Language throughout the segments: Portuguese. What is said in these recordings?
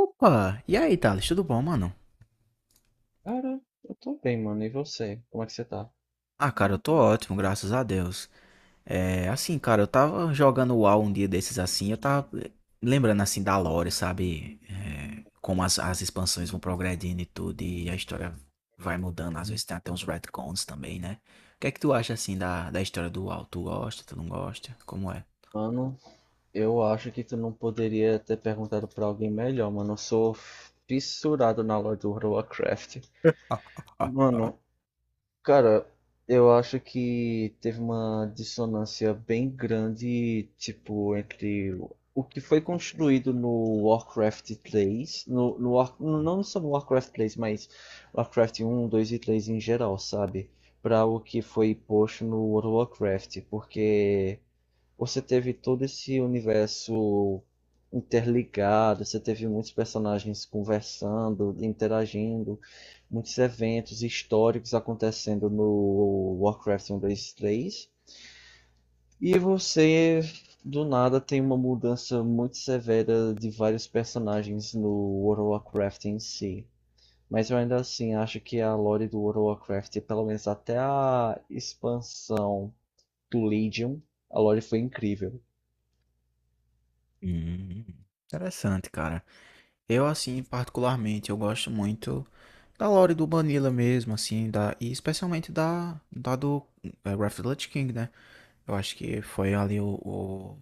Opa! E aí, Thales, tudo bom, mano? Cara, eu tô bem, mano. E você? Como é que você tá? Ah, cara, eu tô ótimo, graças a Deus. É, assim, cara, eu tava jogando o WoW um dia desses assim, eu tava lembrando assim da lore, sabe? É, como as expansões vão progredindo e tudo, e a história vai mudando, às vezes tem até uns retcons também, né? O que é que tu acha assim da história do WoW? Tu gosta, tu não gosta? Como é? Mano, eu acho que tu não poderia ter perguntado pra alguém melhor, mano. Eu sou fissurado na lore do World of Warcraft. Ah. Mano, Cara, eu acho que teve uma dissonância bem grande, tipo, entre o que foi construído no Warcraft três não só no Warcraft três mas Warcraft um dois e três em geral, sabe? Para o que foi posto no World of Warcraft, porque você teve todo esse universo interligado, você teve muitos personagens conversando, interagindo, muitos eventos históricos acontecendo no Warcraft 1.2.3. E você, do nada, tem uma mudança muito severa de vários personagens no World of Warcraft em si. Mas eu ainda assim acho que a lore do World of Warcraft, pelo menos até a expansão do Legion, a lore foi incrível. Hum, Interessante, cara. Eu, assim, particularmente, eu gosto muito da lore do Vanilla mesmo, assim, e especialmente da do Wrath of the Lich King, né? Eu acho que foi ali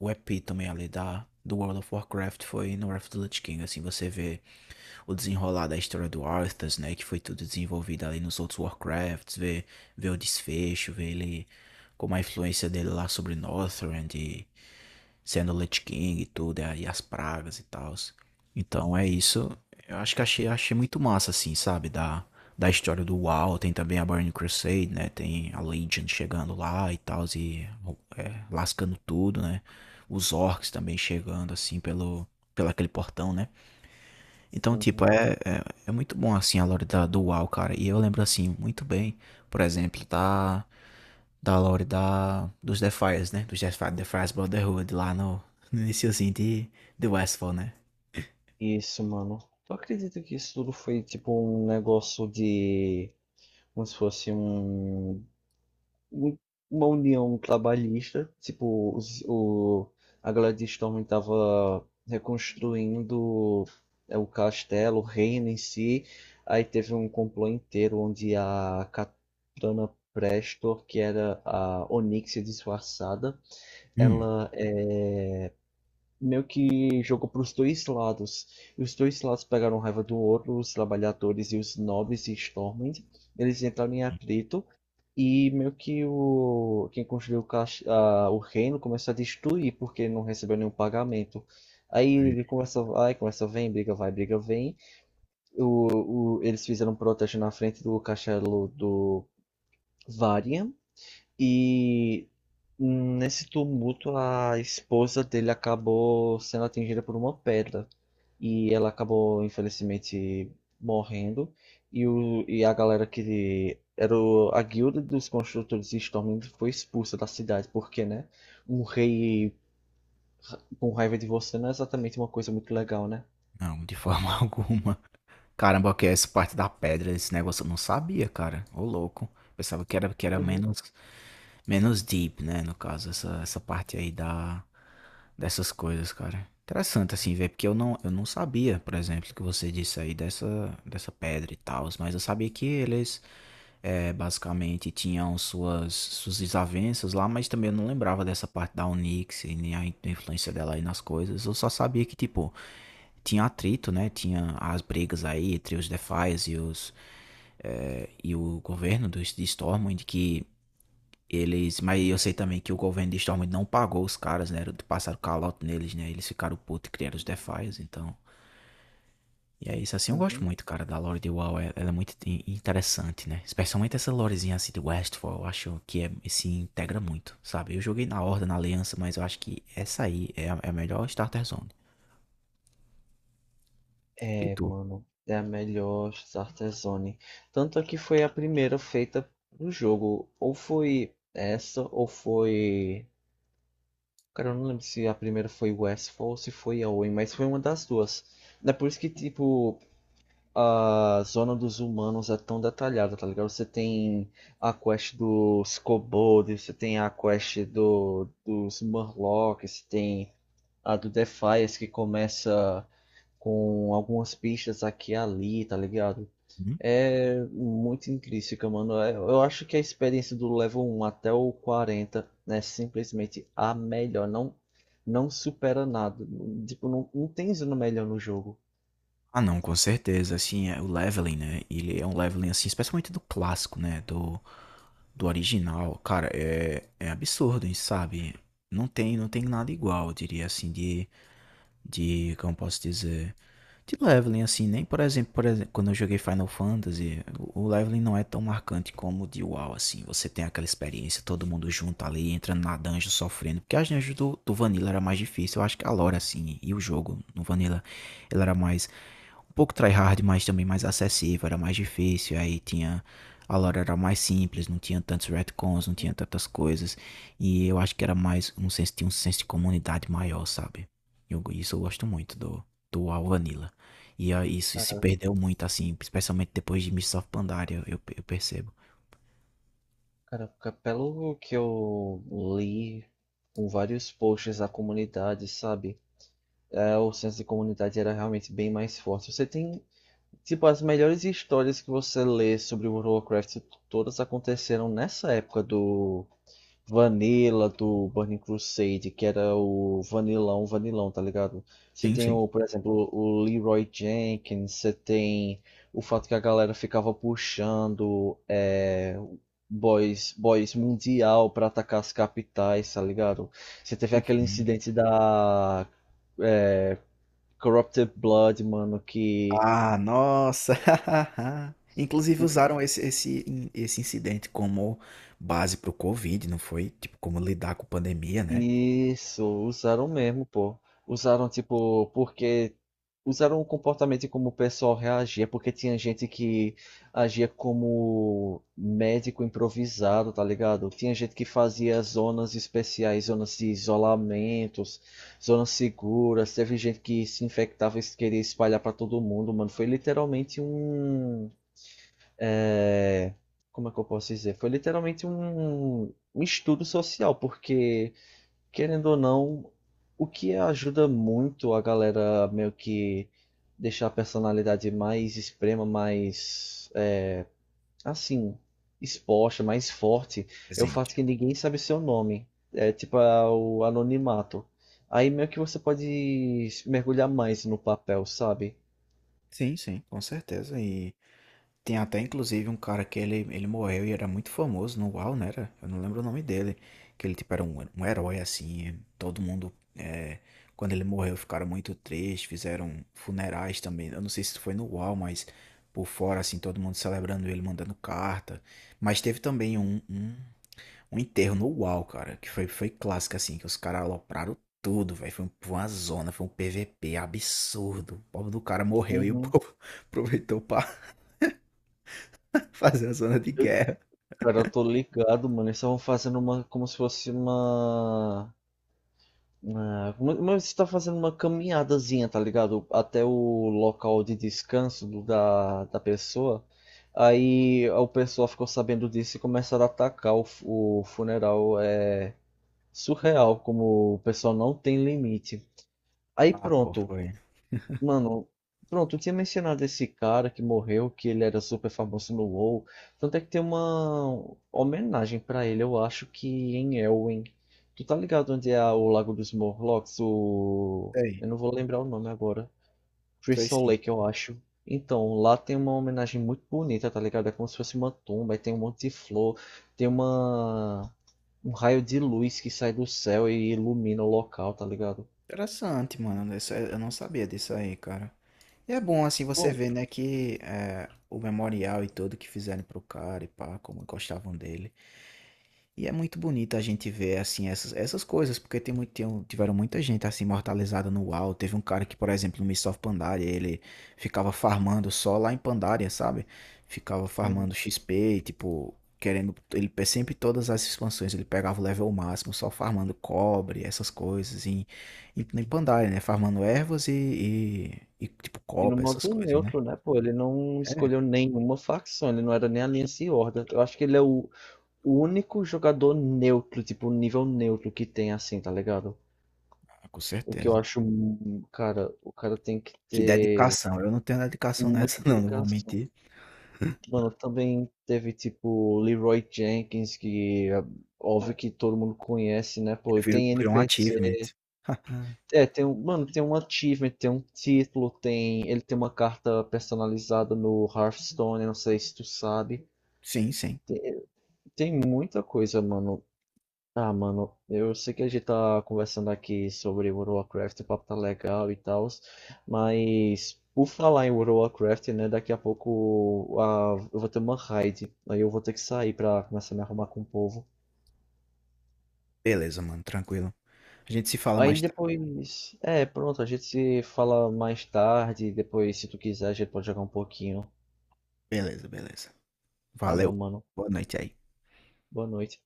o epítome ali da, do World of Warcraft, foi no Wrath of the Lich King, assim, você vê o desenrolar da história do Arthas, né, que foi tudo desenvolvido ali nos outros Warcrafts, vê, o desfecho, vê ele, como a influência dele lá sobre Northrend e sendo Lich King e tudo, e as pragas e tal. Então é isso. Eu acho que achei muito massa, assim, sabe? Da história do WoW, tem também a Burning Crusade, né? Tem a Legion chegando lá e tal, e lascando tudo, né? Os orcs também chegando, assim, pelo aquele portão, né? Então, tipo, Uhum. É muito bom, assim, a lore da, do WoW, cara. E eu lembro, assim, muito bem, por exemplo, da lore da, dos Defiers, né? Dos Defiers, Defiers Brotherhood, lá no iniciozinho de Westfall, né? Isso, mano. Tu acredita que isso tudo foi tipo um negócio de. Como se fosse um. Um- Uma união trabalhista. A galera de Storm tava reconstruindo o castelo, o reino em si. Aí teve um complô inteiro onde a Katana Prestor, que era a Onyxia disfarçada, Hum. ela e jogou para os dois lados. E os dois lados pegaram raiva do outro, os trabalhadores e os nobres e Stormwind. Eles entraram em atrito e meio que o quem construiu o reino começou a destruir porque não recebeu nenhum pagamento. Aí ele começa, vai, começa, vem, briga, vai, briga, vem. Eles fizeram um protesto na frente do castelo do Varian e nesse tumulto a esposa dele acabou sendo atingida por uma pedra e ela acabou, infelizmente, morrendo. E a galera que era a guilda dos construtores de Stormwind foi expulsa da cidade, porque, né? Um rei com raiva de você não é exatamente uma coisa muito legal, né? Não, de forma alguma. Caramba, que é essa parte da pedra, esse negócio eu não sabia, cara. Ô, louco. Pensava que era Uhum. Menos deep, né? No caso, essa parte aí da, dessas coisas, cara. Interessante assim, velho, porque eu não sabia, por exemplo, que você disse aí dessa pedra e tal, mas eu sabia que eles basicamente tinham suas desavenças lá, mas também eu não lembrava dessa parte da Onyx e nem a influência dela aí nas coisas. Eu só sabia que, tipo, tinha atrito, né? Tinha as brigas aí entre os Defias e os e o governo dos de Stormwind que eles, mas eu sei também que o governo de Stormwind não pagou os caras, né? Passaram calote neles, né? Eles ficaram putos e criaram os Defias, então. E é isso, assim, eu gosto Uhum. muito, cara, da lore de WoW. Ela é muito interessante, né? Especialmente essa lorezinha assim de Westfall, eu acho que se integra muito, sabe? Eu joguei na Horda, na Aliança, mas eu acho que essa aí é a melhor Starter Zone. E É, tu? mano, é a melhor Startezone. Tanto é que foi a primeira feita no jogo. Ou foi essa, ou foi. Cara, eu não lembro se a primeira foi Westfall ou se foi a Owen, mas foi uma das duas. É por isso que, tipo, a zona dos humanos é tão detalhada, tá ligado? Você tem a quest dos kobolds, você tem a quest dos Murlocs, você tem a do Defiance que começa com algumas pistas aqui e ali, tá ligado? Hum? É muito intrínseca, mano. Eu acho que a experiência do level um até o 40, é simplesmente a melhor. Não, não supera nada. Tipo, não, não tem zona melhor no jogo. Ah, não, com certeza, assim, o leveling, né? Ele é um leveling, assim, especialmente do clássico, né? Do original, cara, é absurdo, hein, sabe? Não tem nada igual, eu diria assim, como posso dizer, de leveling, assim, nem por exemplo, quando eu joguei Final Fantasy, o leveling não é tão marcante como o de WoW, assim, você tem aquela experiência, todo mundo junto ali, entrando na dungeon, sofrendo, porque as dungeons do Vanilla era mais difícil, eu acho que a lore, assim, e o jogo no Vanilla, ele era mais, um pouco tryhard, mas também mais acessível, era mais difícil, aí tinha a lore era mais simples, não tinha tantos retcons, não tinha Uhum. tantas coisas, e eu acho que era mais um senso, tinha um senso de comunidade maior, sabe? Eu, isso eu gosto muito do WoW Vanilla. E isso se Cara, perdeu muito, assim, especialmente depois de Mists of Pandaria, eu percebo. caraca, pelo que eu li com vários posts da comunidade, sabe? É, o senso de comunidade era realmente bem mais forte. Você tem tipo, as melhores histórias que você lê sobre World of Warcraft, todas aconteceram nessa época do Vanilla, do Burning Crusade, que era o Vanilão, Vanilão, tá ligado? Sim, sim. Por exemplo, o Leroy Jenkins, você tem o fato que a galera ficava puxando boys, boys mundial pra atacar as capitais, tá ligado? Você teve aquele incidente da é, Corrupted Blood, mano, que Ah, nossa! Inclusive usaram esse incidente como base para o Covid, não foi? Tipo, como lidar com pandemia, né? isso, usaram mesmo, pô. Usaram, tipo, porque. Usaram o comportamento e como o pessoal reagia, porque tinha gente que agia como médico improvisado, tá ligado? Tinha gente que fazia zonas especiais, zonas de isolamentos, zonas seguras. Teve gente que se infectava e queria espalhar pra todo mundo, mano. Foi literalmente um. é, Como é que eu posso dizer? Foi literalmente um estudo social, porque. Querendo ou não, o que ajuda muito a galera meio que deixar a personalidade mais extrema, mais assim, exposta, mais forte, é o Presente. fato que ninguém sabe seu nome. É tipo o anonimato. Aí meio que você pode mergulhar mais no papel, sabe? Sim, sim, com certeza. E tem até inclusive um cara que ele morreu e era muito famoso no UAU, né? Era? Eu não lembro o nome dele. Que ele tipo era um herói assim. Todo mundo, quando ele morreu, ficaram muito tristes. Fizeram funerais também. Eu não sei se foi no UAU, mas por fora, assim, todo mundo celebrando ele, mandando carta. Mas teve também um, enterro no UAU, cara. Que foi clássico, assim. Que os caras alopraram tudo, velho. Foi uma zona, foi um PVP absurdo. O povo do cara morreu e o Uhum. povo aproveitou pra fazendo zona de Eu- guerra. cara, eu tô ligado, mano. Eles estavam fazendo uma, como se fosse uma. Ah, mas você tá fazendo uma caminhadazinha, tá ligado? Até o local de descanso da pessoa. Aí o pessoal ficou sabendo disso e começaram a atacar o funeral. É surreal como o pessoal não tem limite. Aí Ah, pô, pronto, foi. Mano, pronto, eu tinha mencionado esse cara que morreu, que ele era super famoso no WoW. Tanto é que tem uma homenagem pra ele, eu acho que em Elwyn. Tu tá ligado onde é o Lago dos Morlocks? O... Sei, Eu não vou lembrar o nome agora. sei Crystal sim. Lake, eu acho. Então, lá tem uma homenagem muito bonita, tá ligado? É como se fosse uma tumba, aí tem um monte de flor, tem uma... um raio de luz que sai do céu e ilumina o local, tá ligado? Interessante, mano. Eu não sabia disso aí, cara. E é bom, assim, você ver, né, o memorial e tudo que fizeram pro cara e pá, como gostavam dele. E é muito bonito a gente ver, assim, essas coisas, porque tem muito, tiveram muita gente, assim, imortalizada no UAU. Teve um cara que, por exemplo, no Mists of Pandaria, ele ficava farmando só lá em Pandaria, sabe? Ficava Bom, farmando XP, tipo, querendo. Sempre, todas as expansões, ele pegava o level máximo só farmando cobre, essas coisas, em Pandaria, né? Farmando ervas e, tipo, e no copa, essas modo coisas, né? neutro, né, pô, ele não É, escolheu nenhuma facção, ele não era nem Aliança e Horda. Eu acho que ele é o único jogador neutro, tipo, nível neutro que tem assim, tá ligado? com O que eu certeza. acho, cara, o cara tem que Que ter dedicação, eu não tenho dedicação nessa, muita não, não vou dedicação. mentir. Mano, também teve, tipo, Leroy Jenkins, que é óbvio que todo mundo conhece, né, É, pô, tem virou um NPC. achievement. É, tem um, mano, tem um achievement, tem um título, tem, ele tem uma carta personalizada no Hearthstone, não sei se tu sabe. Sim, sim. Tem, tem muita coisa, mano. Ah, mano, eu sei que a gente tá conversando aqui sobre World of Warcraft, o papo tá legal e tal, mas por falar em World of Warcraft, né, daqui a pouco ah, eu vou ter uma raid, aí eu vou ter que sair pra começar a me arrumar com o povo. Beleza, mano, tranquilo. A gente se fala Aí mais tarde. depois, é, pronto, a gente se fala mais tarde, depois se tu quiser a gente pode jogar um pouquinho. Beleza, beleza. Valeu, Valeu. mano. Boa noite aí. Boa noite.